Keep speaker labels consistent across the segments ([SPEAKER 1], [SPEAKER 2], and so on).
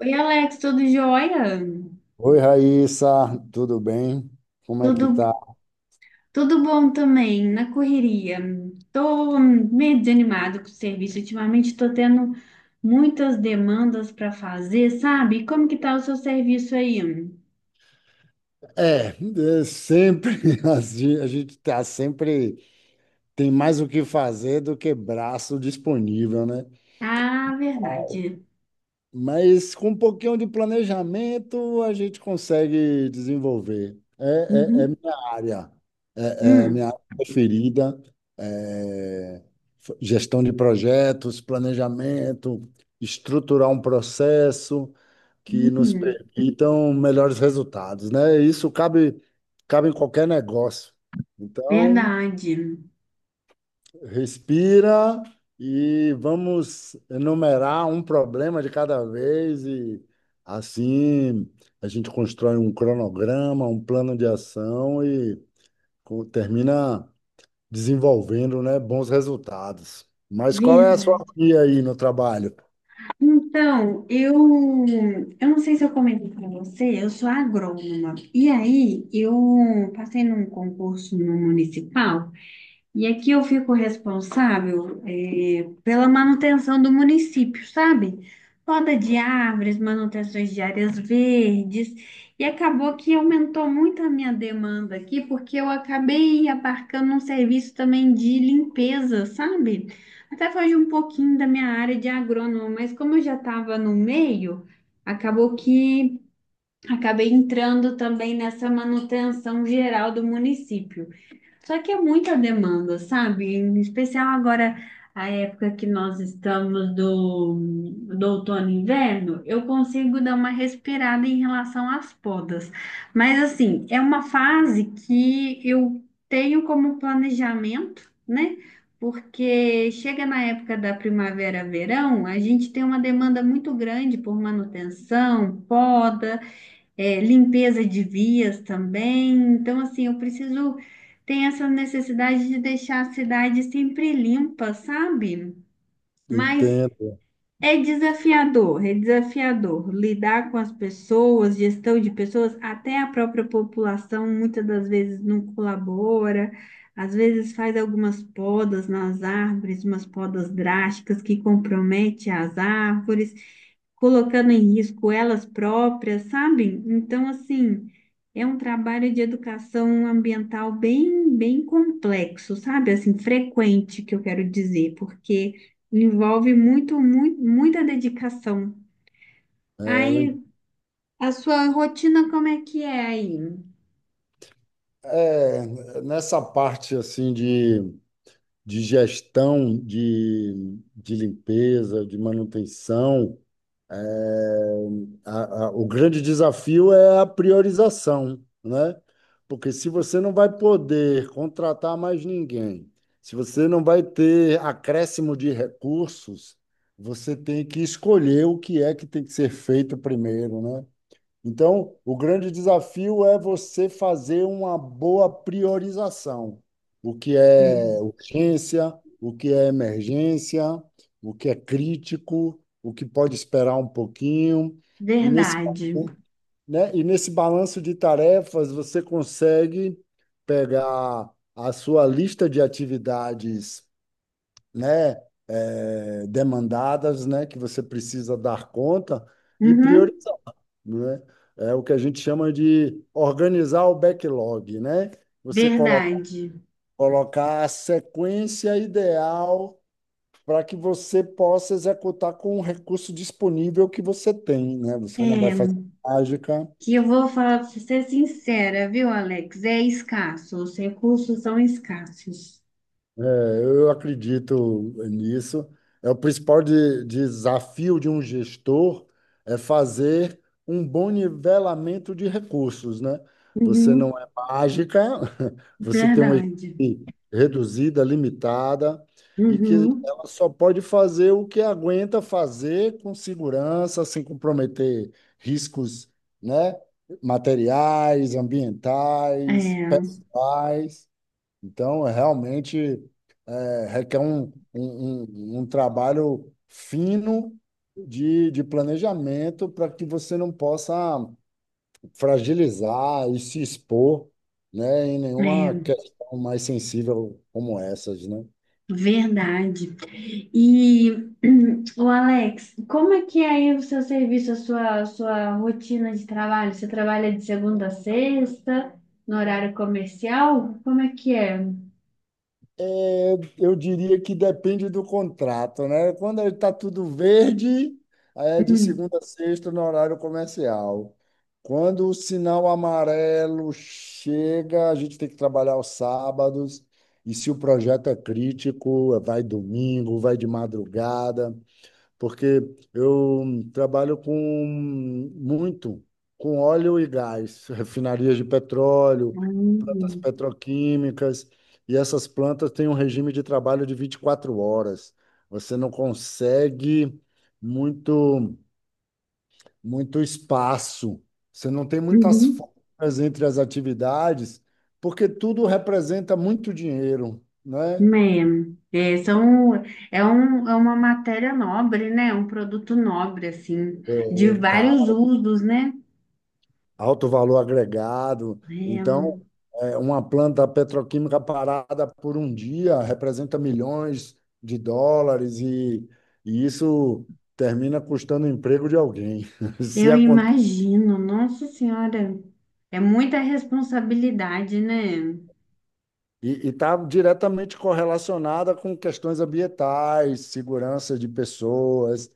[SPEAKER 1] Oi, Alex, tudo jóia?
[SPEAKER 2] Oi, Raíssa, tudo bem? Como é
[SPEAKER 1] Tudo,
[SPEAKER 2] que tá?
[SPEAKER 1] tudo bom também, na correria. Tô meio desanimado com o serviço. Ultimamente tô tendo muitas demandas para fazer, sabe? Como que tá o seu serviço aí?
[SPEAKER 2] É, é sempre assim, a gente tá sempre tem mais o que fazer do que braço disponível, né?
[SPEAKER 1] Ah, verdade.
[SPEAKER 2] Mas com um pouquinho de planejamento a gente consegue desenvolver. É
[SPEAKER 1] Uhum.
[SPEAKER 2] minha área, é
[SPEAKER 1] Hum.
[SPEAKER 2] minha área preferida, é gestão de projetos, planejamento, estruturar um processo, que nos
[SPEAKER 1] Hum.
[SPEAKER 2] permitam melhores resultados, né? Cabe em qualquer negócio. Então,
[SPEAKER 1] Verdade.
[SPEAKER 2] respira e vamos enumerar um problema de cada vez e assim a gente constrói um cronograma, um plano de ação e termina desenvolvendo, né, bons resultados. Mas qual é a sua
[SPEAKER 1] Verdade.
[SPEAKER 2] via aí no trabalho?
[SPEAKER 1] Então, eu não sei se eu comentei para você, eu sou agrônoma. E aí, eu passei num concurso no municipal. E aqui eu fico responsável, pela manutenção do município, sabe? Poda de árvores, manutenções de áreas verdes. E acabou que aumentou muito a minha demanda aqui, porque eu acabei abarcando um serviço também de limpeza, sabe? Até foge um pouquinho da minha área de agrônomo, mas como eu já estava no meio, acabou que acabei entrando também nessa manutenção geral do município. Só que é muita demanda, sabe? Em especial agora, a época que nós estamos do outono e inverno, eu consigo dar uma respirada em relação às podas. Mas, assim, é uma fase que eu tenho como planejamento, né? Porque chega na época da primavera, verão, a gente tem uma demanda muito grande por manutenção, poda, limpeza de vias também. Então, assim, eu preciso, tem essa necessidade de deixar a cidade sempre limpa, sabe? Mas
[SPEAKER 2] Entendo.
[SPEAKER 1] é desafiador lidar com as pessoas, gestão de pessoas, até a própria população muitas das vezes não colabora. Às vezes faz algumas podas nas árvores, umas podas drásticas que comprometem as árvores colocando em risco elas próprias, sabe? Então, assim, é um trabalho de educação ambiental bem, bem complexo, sabe? Assim, frequente, que eu quero dizer, porque envolve muito, muito, muita dedicação.
[SPEAKER 2] É, eu en-
[SPEAKER 1] Aí, a sua rotina, como é que é aí?
[SPEAKER 2] É, nessa parte assim de gestão de limpeza, de manutenção, o grande desafio é a priorização, né? Porque se você não vai poder contratar mais ninguém, se você não vai ter acréscimo de recursos, você tem que escolher o que é que tem que ser feito primeiro, né? Então, o grande desafio é você fazer uma boa priorização. O que é
[SPEAKER 1] É,
[SPEAKER 2] urgência, o que é emergência, o que é crítico, o que pode esperar um pouquinho. E nesse,
[SPEAKER 1] verdade.
[SPEAKER 2] né, e nesse balanço de tarefas, você consegue pegar a sua lista de atividades, né, demandadas, né, que você precisa dar conta e
[SPEAKER 1] Uhum,
[SPEAKER 2] priorizar, né? É o que a gente chama de organizar o backlog, né? Você colo-
[SPEAKER 1] verdade.
[SPEAKER 2] colocar a sequência ideal para que você possa executar com o recurso disponível que você tem, né? Você não vai
[SPEAKER 1] É,
[SPEAKER 2] fazer mágica.
[SPEAKER 1] que eu vou falar para ser sincera, viu, Alex? É escasso, os recursos são escassos.
[SPEAKER 2] É, eu acredito nisso. É o principal desafio de um gestor é fazer um bom nivelamento de recursos, né? Você não
[SPEAKER 1] Uhum.
[SPEAKER 2] é mágica, você tem uma
[SPEAKER 1] Verdade.
[SPEAKER 2] equipe reduzida, limitada, e que
[SPEAKER 1] Uhum.
[SPEAKER 2] ela só pode fazer o que aguenta fazer com segurança, sem comprometer riscos, né? Materiais, ambientais,
[SPEAKER 1] É,
[SPEAKER 2] pessoais. Então, é realmente, é, requer um trabalho fino de planejamento para que você não possa fragilizar e se expor, né, em nenhuma
[SPEAKER 1] é,
[SPEAKER 2] questão mais sensível como essas, né?
[SPEAKER 1] verdade. E o Alex, como é que é aí o seu serviço, a sua rotina de trabalho? Você trabalha de segunda a sexta, no horário comercial? Como é que é?
[SPEAKER 2] É, eu diria que depende do contrato, né? Quando está tudo verde, aí é de
[SPEAKER 1] Hum.
[SPEAKER 2] segunda a sexta no horário comercial. Quando o sinal amarelo chega, a gente tem que trabalhar aos sábados. E se o projeto é crítico, vai domingo, vai de madrugada, porque eu trabalho com muito, com óleo e gás, refinarias de petróleo, plantas
[SPEAKER 1] Hum.
[SPEAKER 2] petroquímicas, e essas plantas têm um regime de trabalho de 24 horas. Você não consegue muito, muito espaço, você não tem muitas
[SPEAKER 1] Uhum.
[SPEAKER 2] folgas entre as atividades, porque tudo representa muito dinheiro, né?
[SPEAKER 1] É, é, são, é uma matéria nobre, né? Um produto nobre, assim, de vários usos, né?
[SPEAKER 2] Alto valor agregado. Então, é, uma planta petroquímica parada por um dia representa milhões de dólares, e isso termina custando o emprego de alguém. Se
[SPEAKER 1] Eu
[SPEAKER 2] aconte-
[SPEAKER 1] imagino, nossa senhora, é muita responsabilidade, né?
[SPEAKER 2] E está diretamente correlacionada com questões ambientais, segurança de pessoas,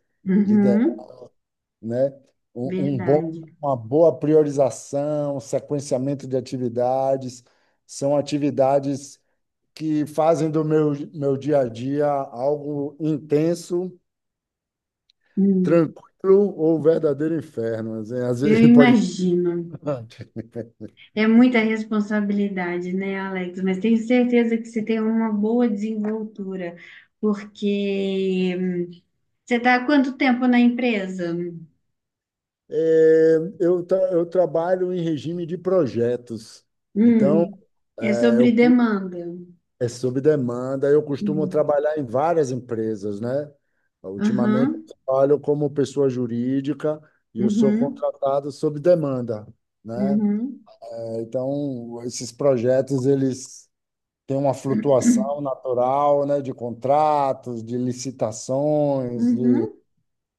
[SPEAKER 2] lider-
[SPEAKER 1] Uhum,
[SPEAKER 2] né? Um bom,
[SPEAKER 1] verdade.
[SPEAKER 2] uma boa priorização, sequenciamento de atividades, são atividades que fazem do meu dia a dia algo intenso,
[SPEAKER 1] Hum,
[SPEAKER 2] tranquilo ou verdadeiro inferno. Assim, às
[SPEAKER 1] eu
[SPEAKER 2] vezes às pode.
[SPEAKER 1] imagino. É muita responsabilidade, né, Alex? Mas tenho certeza que você tem uma boa desenvoltura, porque você está há quanto tempo na empresa?
[SPEAKER 2] Eu trabalho em regime de projetos. Então,
[SPEAKER 1] Hum, É
[SPEAKER 2] é, eu,
[SPEAKER 1] sobre
[SPEAKER 2] cu-
[SPEAKER 1] demanda.
[SPEAKER 2] é sob demanda. Eu costumo
[SPEAKER 1] Hum,
[SPEAKER 2] trabalhar em várias empresas, né? Ultimamente,
[SPEAKER 1] Aham,
[SPEAKER 2] eu trabalho como pessoa jurídica e eu sou
[SPEAKER 1] uhum,
[SPEAKER 2] contratado sob demanda, né?
[SPEAKER 1] uhum,
[SPEAKER 2] Então, esses projetos, eles tem uma flutuação natural, né, de contratos, de licitações,
[SPEAKER 1] uhum,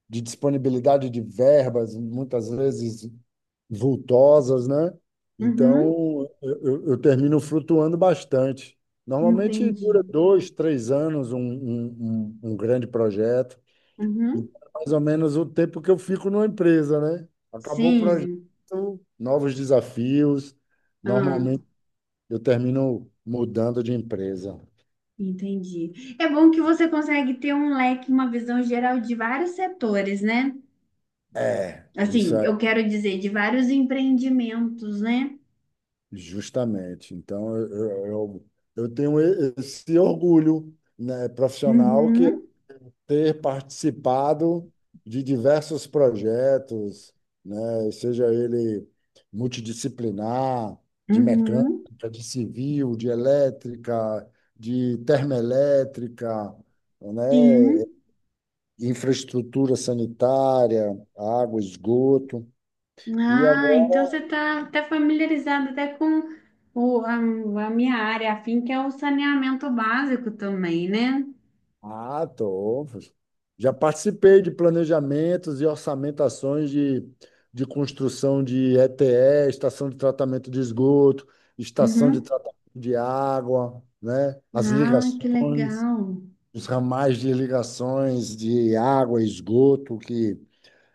[SPEAKER 2] de disponibilidade de verbas, muitas vezes vultosas, né?
[SPEAKER 1] uhum,
[SPEAKER 2] Então, eu termino flutuando bastante. Normalmente dura
[SPEAKER 1] entendi.
[SPEAKER 2] dois, três anos um grande projeto.
[SPEAKER 1] Uhum.
[SPEAKER 2] Então, é mais ou menos o tempo que eu fico numa empresa, né? Acabou o projeto,
[SPEAKER 1] Sim,
[SPEAKER 2] novos desafios.
[SPEAKER 1] ah,
[SPEAKER 2] Normalmente eu termino mudando de empresa.
[SPEAKER 1] entendi. É bom que você consegue ter um leque, uma visão geral de vários setores, né?
[SPEAKER 2] É, isso
[SPEAKER 1] Assim,
[SPEAKER 2] é
[SPEAKER 1] eu quero dizer, de vários empreendimentos, né?
[SPEAKER 2] justamente. Então, eu tenho esse orgulho, né, profissional, que é
[SPEAKER 1] Uhum,
[SPEAKER 2] ter participado de diversos projetos, né, seja ele multidisciplinar, de mecânica,
[SPEAKER 1] uhum,
[SPEAKER 2] de civil, de elétrica, de termoelétrica, né,
[SPEAKER 1] sim.
[SPEAKER 2] infraestrutura sanitária, água, esgoto. E agora.
[SPEAKER 1] Ah, então você está até familiarizado até com o, a, a minha área, afim, que é o saneamento básico também, né?
[SPEAKER 2] Ah, tô. Já participei de planejamentos e orçamentações de construção de ETE, estação de tratamento de esgoto, estação de
[SPEAKER 1] Uhum.
[SPEAKER 2] tratamento de água, né? As
[SPEAKER 1] Ah, que
[SPEAKER 2] ligações,
[SPEAKER 1] legal.
[SPEAKER 2] os ramais de ligações de água e esgoto, que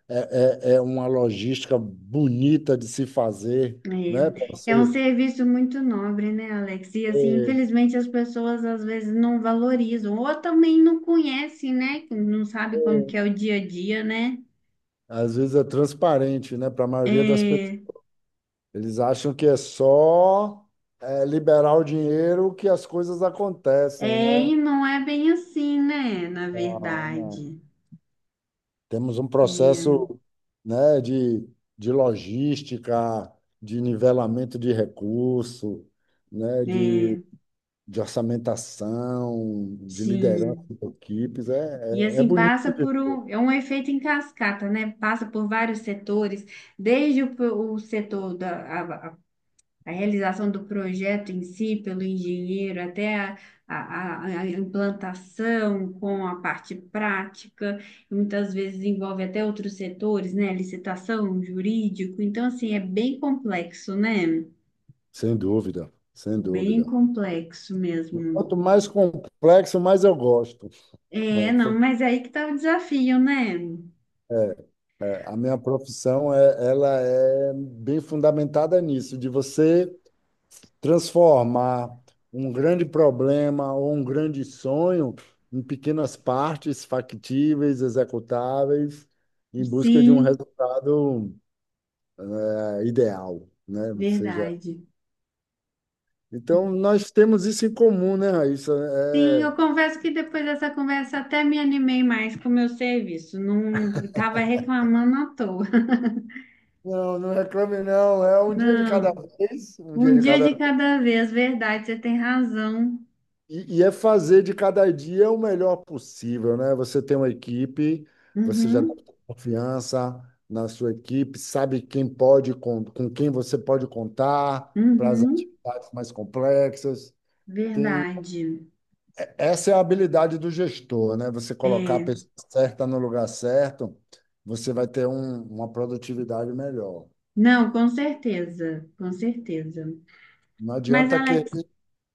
[SPEAKER 2] é uma logística bonita de se fazer, né? Para
[SPEAKER 1] É um
[SPEAKER 2] você,
[SPEAKER 1] serviço muito nobre, né, Alex? E assim, infelizmente as pessoas às vezes não valorizam, ou também não conhecem, né? Não sabe como que é o dia a dia, né?
[SPEAKER 2] às vezes é transparente, né? Para a maioria das pessoas.
[SPEAKER 1] É,
[SPEAKER 2] Eles acham que é só, é, liberar o dinheiro que as coisas acontecem, né?
[SPEAKER 1] e não é bem assim, né? Na
[SPEAKER 2] Não, não.
[SPEAKER 1] verdade.
[SPEAKER 2] Temos um
[SPEAKER 1] É,
[SPEAKER 2] processo, né, de logística, de nivelamento de recurso, né,
[SPEAKER 1] é,
[SPEAKER 2] de orçamentação, de liderança
[SPEAKER 1] sim.
[SPEAKER 2] de equipes.
[SPEAKER 1] E
[SPEAKER 2] É
[SPEAKER 1] assim,
[SPEAKER 2] bonito,
[SPEAKER 1] é um efeito em cascata, né? Passa por vários setores, desde o setor da a realização do projeto em si, pelo engenheiro, até a implantação com a parte prática, e muitas vezes envolve até outros setores, né? Licitação, jurídico. Então, assim, é bem complexo, né?
[SPEAKER 2] sem dúvida, sem
[SPEAKER 1] Bem
[SPEAKER 2] dúvida.
[SPEAKER 1] complexo mesmo.
[SPEAKER 2] Quanto mais complexo, mais eu gosto.
[SPEAKER 1] É, não, mas é aí que tá o desafio, né?
[SPEAKER 2] É, a minha profissão é, ela é bem fundamentada nisso, de você transformar um grande problema ou um grande sonho em pequenas partes factíveis, executáveis, em busca de um
[SPEAKER 1] Sim,
[SPEAKER 2] resultado ideal, né? Ou seja,
[SPEAKER 1] verdade.
[SPEAKER 2] então nós temos isso em comum, né, Raíssa?
[SPEAKER 1] Sim, eu
[SPEAKER 2] É,
[SPEAKER 1] confesso que depois dessa conversa até me animei mais com o meu serviço. Não estava reclamando à toa.
[SPEAKER 2] não, não reclame não, é um dia de cada
[SPEAKER 1] Não.
[SPEAKER 2] vez, um dia
[SPEAKER 1] Um
[SPEAKER 2] de
[SPEAKER 1] dia
[SPEAKER 2] cada.
[SPEAKER 1] de cada vez, verdade, você tem razão.
[SPEAKER 2] E e é fazer de cada dia o melhor possível, né? Você tem uma equipe, você já
[SPEAKER 1] Uhum,
[SPEAKER 2] tem confiança na sua equipe, sabe quem pode, quem você pode contar para as
[SPEAKER 1] uhum,
[SPEAKER 2] atividades mais complexas. Tem,
[SPEAKER 1] verdade.
[SPEAKER 2] essa é a habilidade do gestor, né? Você colocar a
[SPEAKER 1] É,
[SPEAKER 2] pessoa certa no lugar certo, você vai ter uma produtividade melhor.
[SPEAKER 1] não, com certeza, com certeza.
[SPEAKER 2] Não
[SPEAKER 1] Mas,
[SPEAKER 2] adianta que...
[SPEAKER 1] Alex,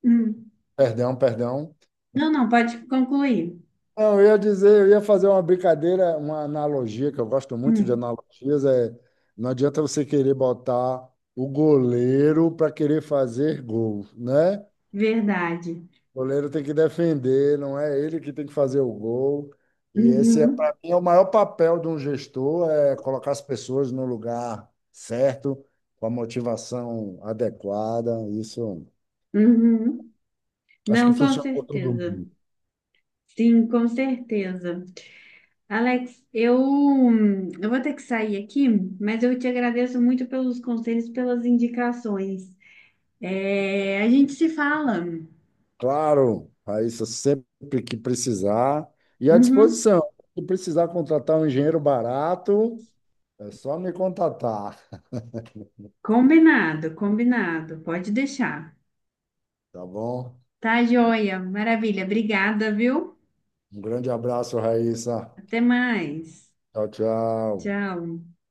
[SPEAKER 1] hum,
[SPEAKER 2] Perdão, um perdão.
[SPEAKER 1] não, não, pode concluir.
[SPEAKER 2] Não, eu ia dizer, eu ia fazer uma brincadeira, uma analogia, que eu gosto muito de
[SPEAKER 1] Hum,
[SPEAKER 2] analogias, é não adianta você querer botar o goleiro para querer fazer gol, né?
[SPEAKER 1] Verdade.
[SPEAKER 2] O goleiro tem que defender, não é ele que tem que fazer o gol. E esse é,
[SPEAKER 1] Uhum,
[SPEAKER 2] para mim, é o maior papel de um gestor, é colocar as pessoas no lugar certo, com a motivação adequada. Isso
[SPEAKER 1] uhum.
[SPEAKER 2] acho que
[SPEAKER 1] Não, com
[SPEAKER 2] funciona para todo
[SPEAKER 1] certeza.
[SPEAKER 2] mundo.
[SPEAKER 1] Sim, com certeza. Alex, eu vou ter que sair aqui, mas eu te agradeço muito pelos conselhos, pelas indicações. É, a gente se fala.
[SPEAKER 2] Claro, Raíssa, sempre que precisar. E à
[SPEAKER 1] Uhum.
[SPEAKER 2] disposição. Se precisar contratar um engenheiro barato, é só me contatar,
[SPEAKER 1] Combinado, combinado. Pode deixar.
[SPEAKER 2] tá bom?
[SPEAKER 1] Tá, joia. Maravilha. Obrigada, viu?
[SPEAKER 2] Um grande abraço, Raíssa.
[SPEAKER 1] Até mais.
[SPEAKER 2] Tchau, tchau.
[SPEAKER 1] Tchau.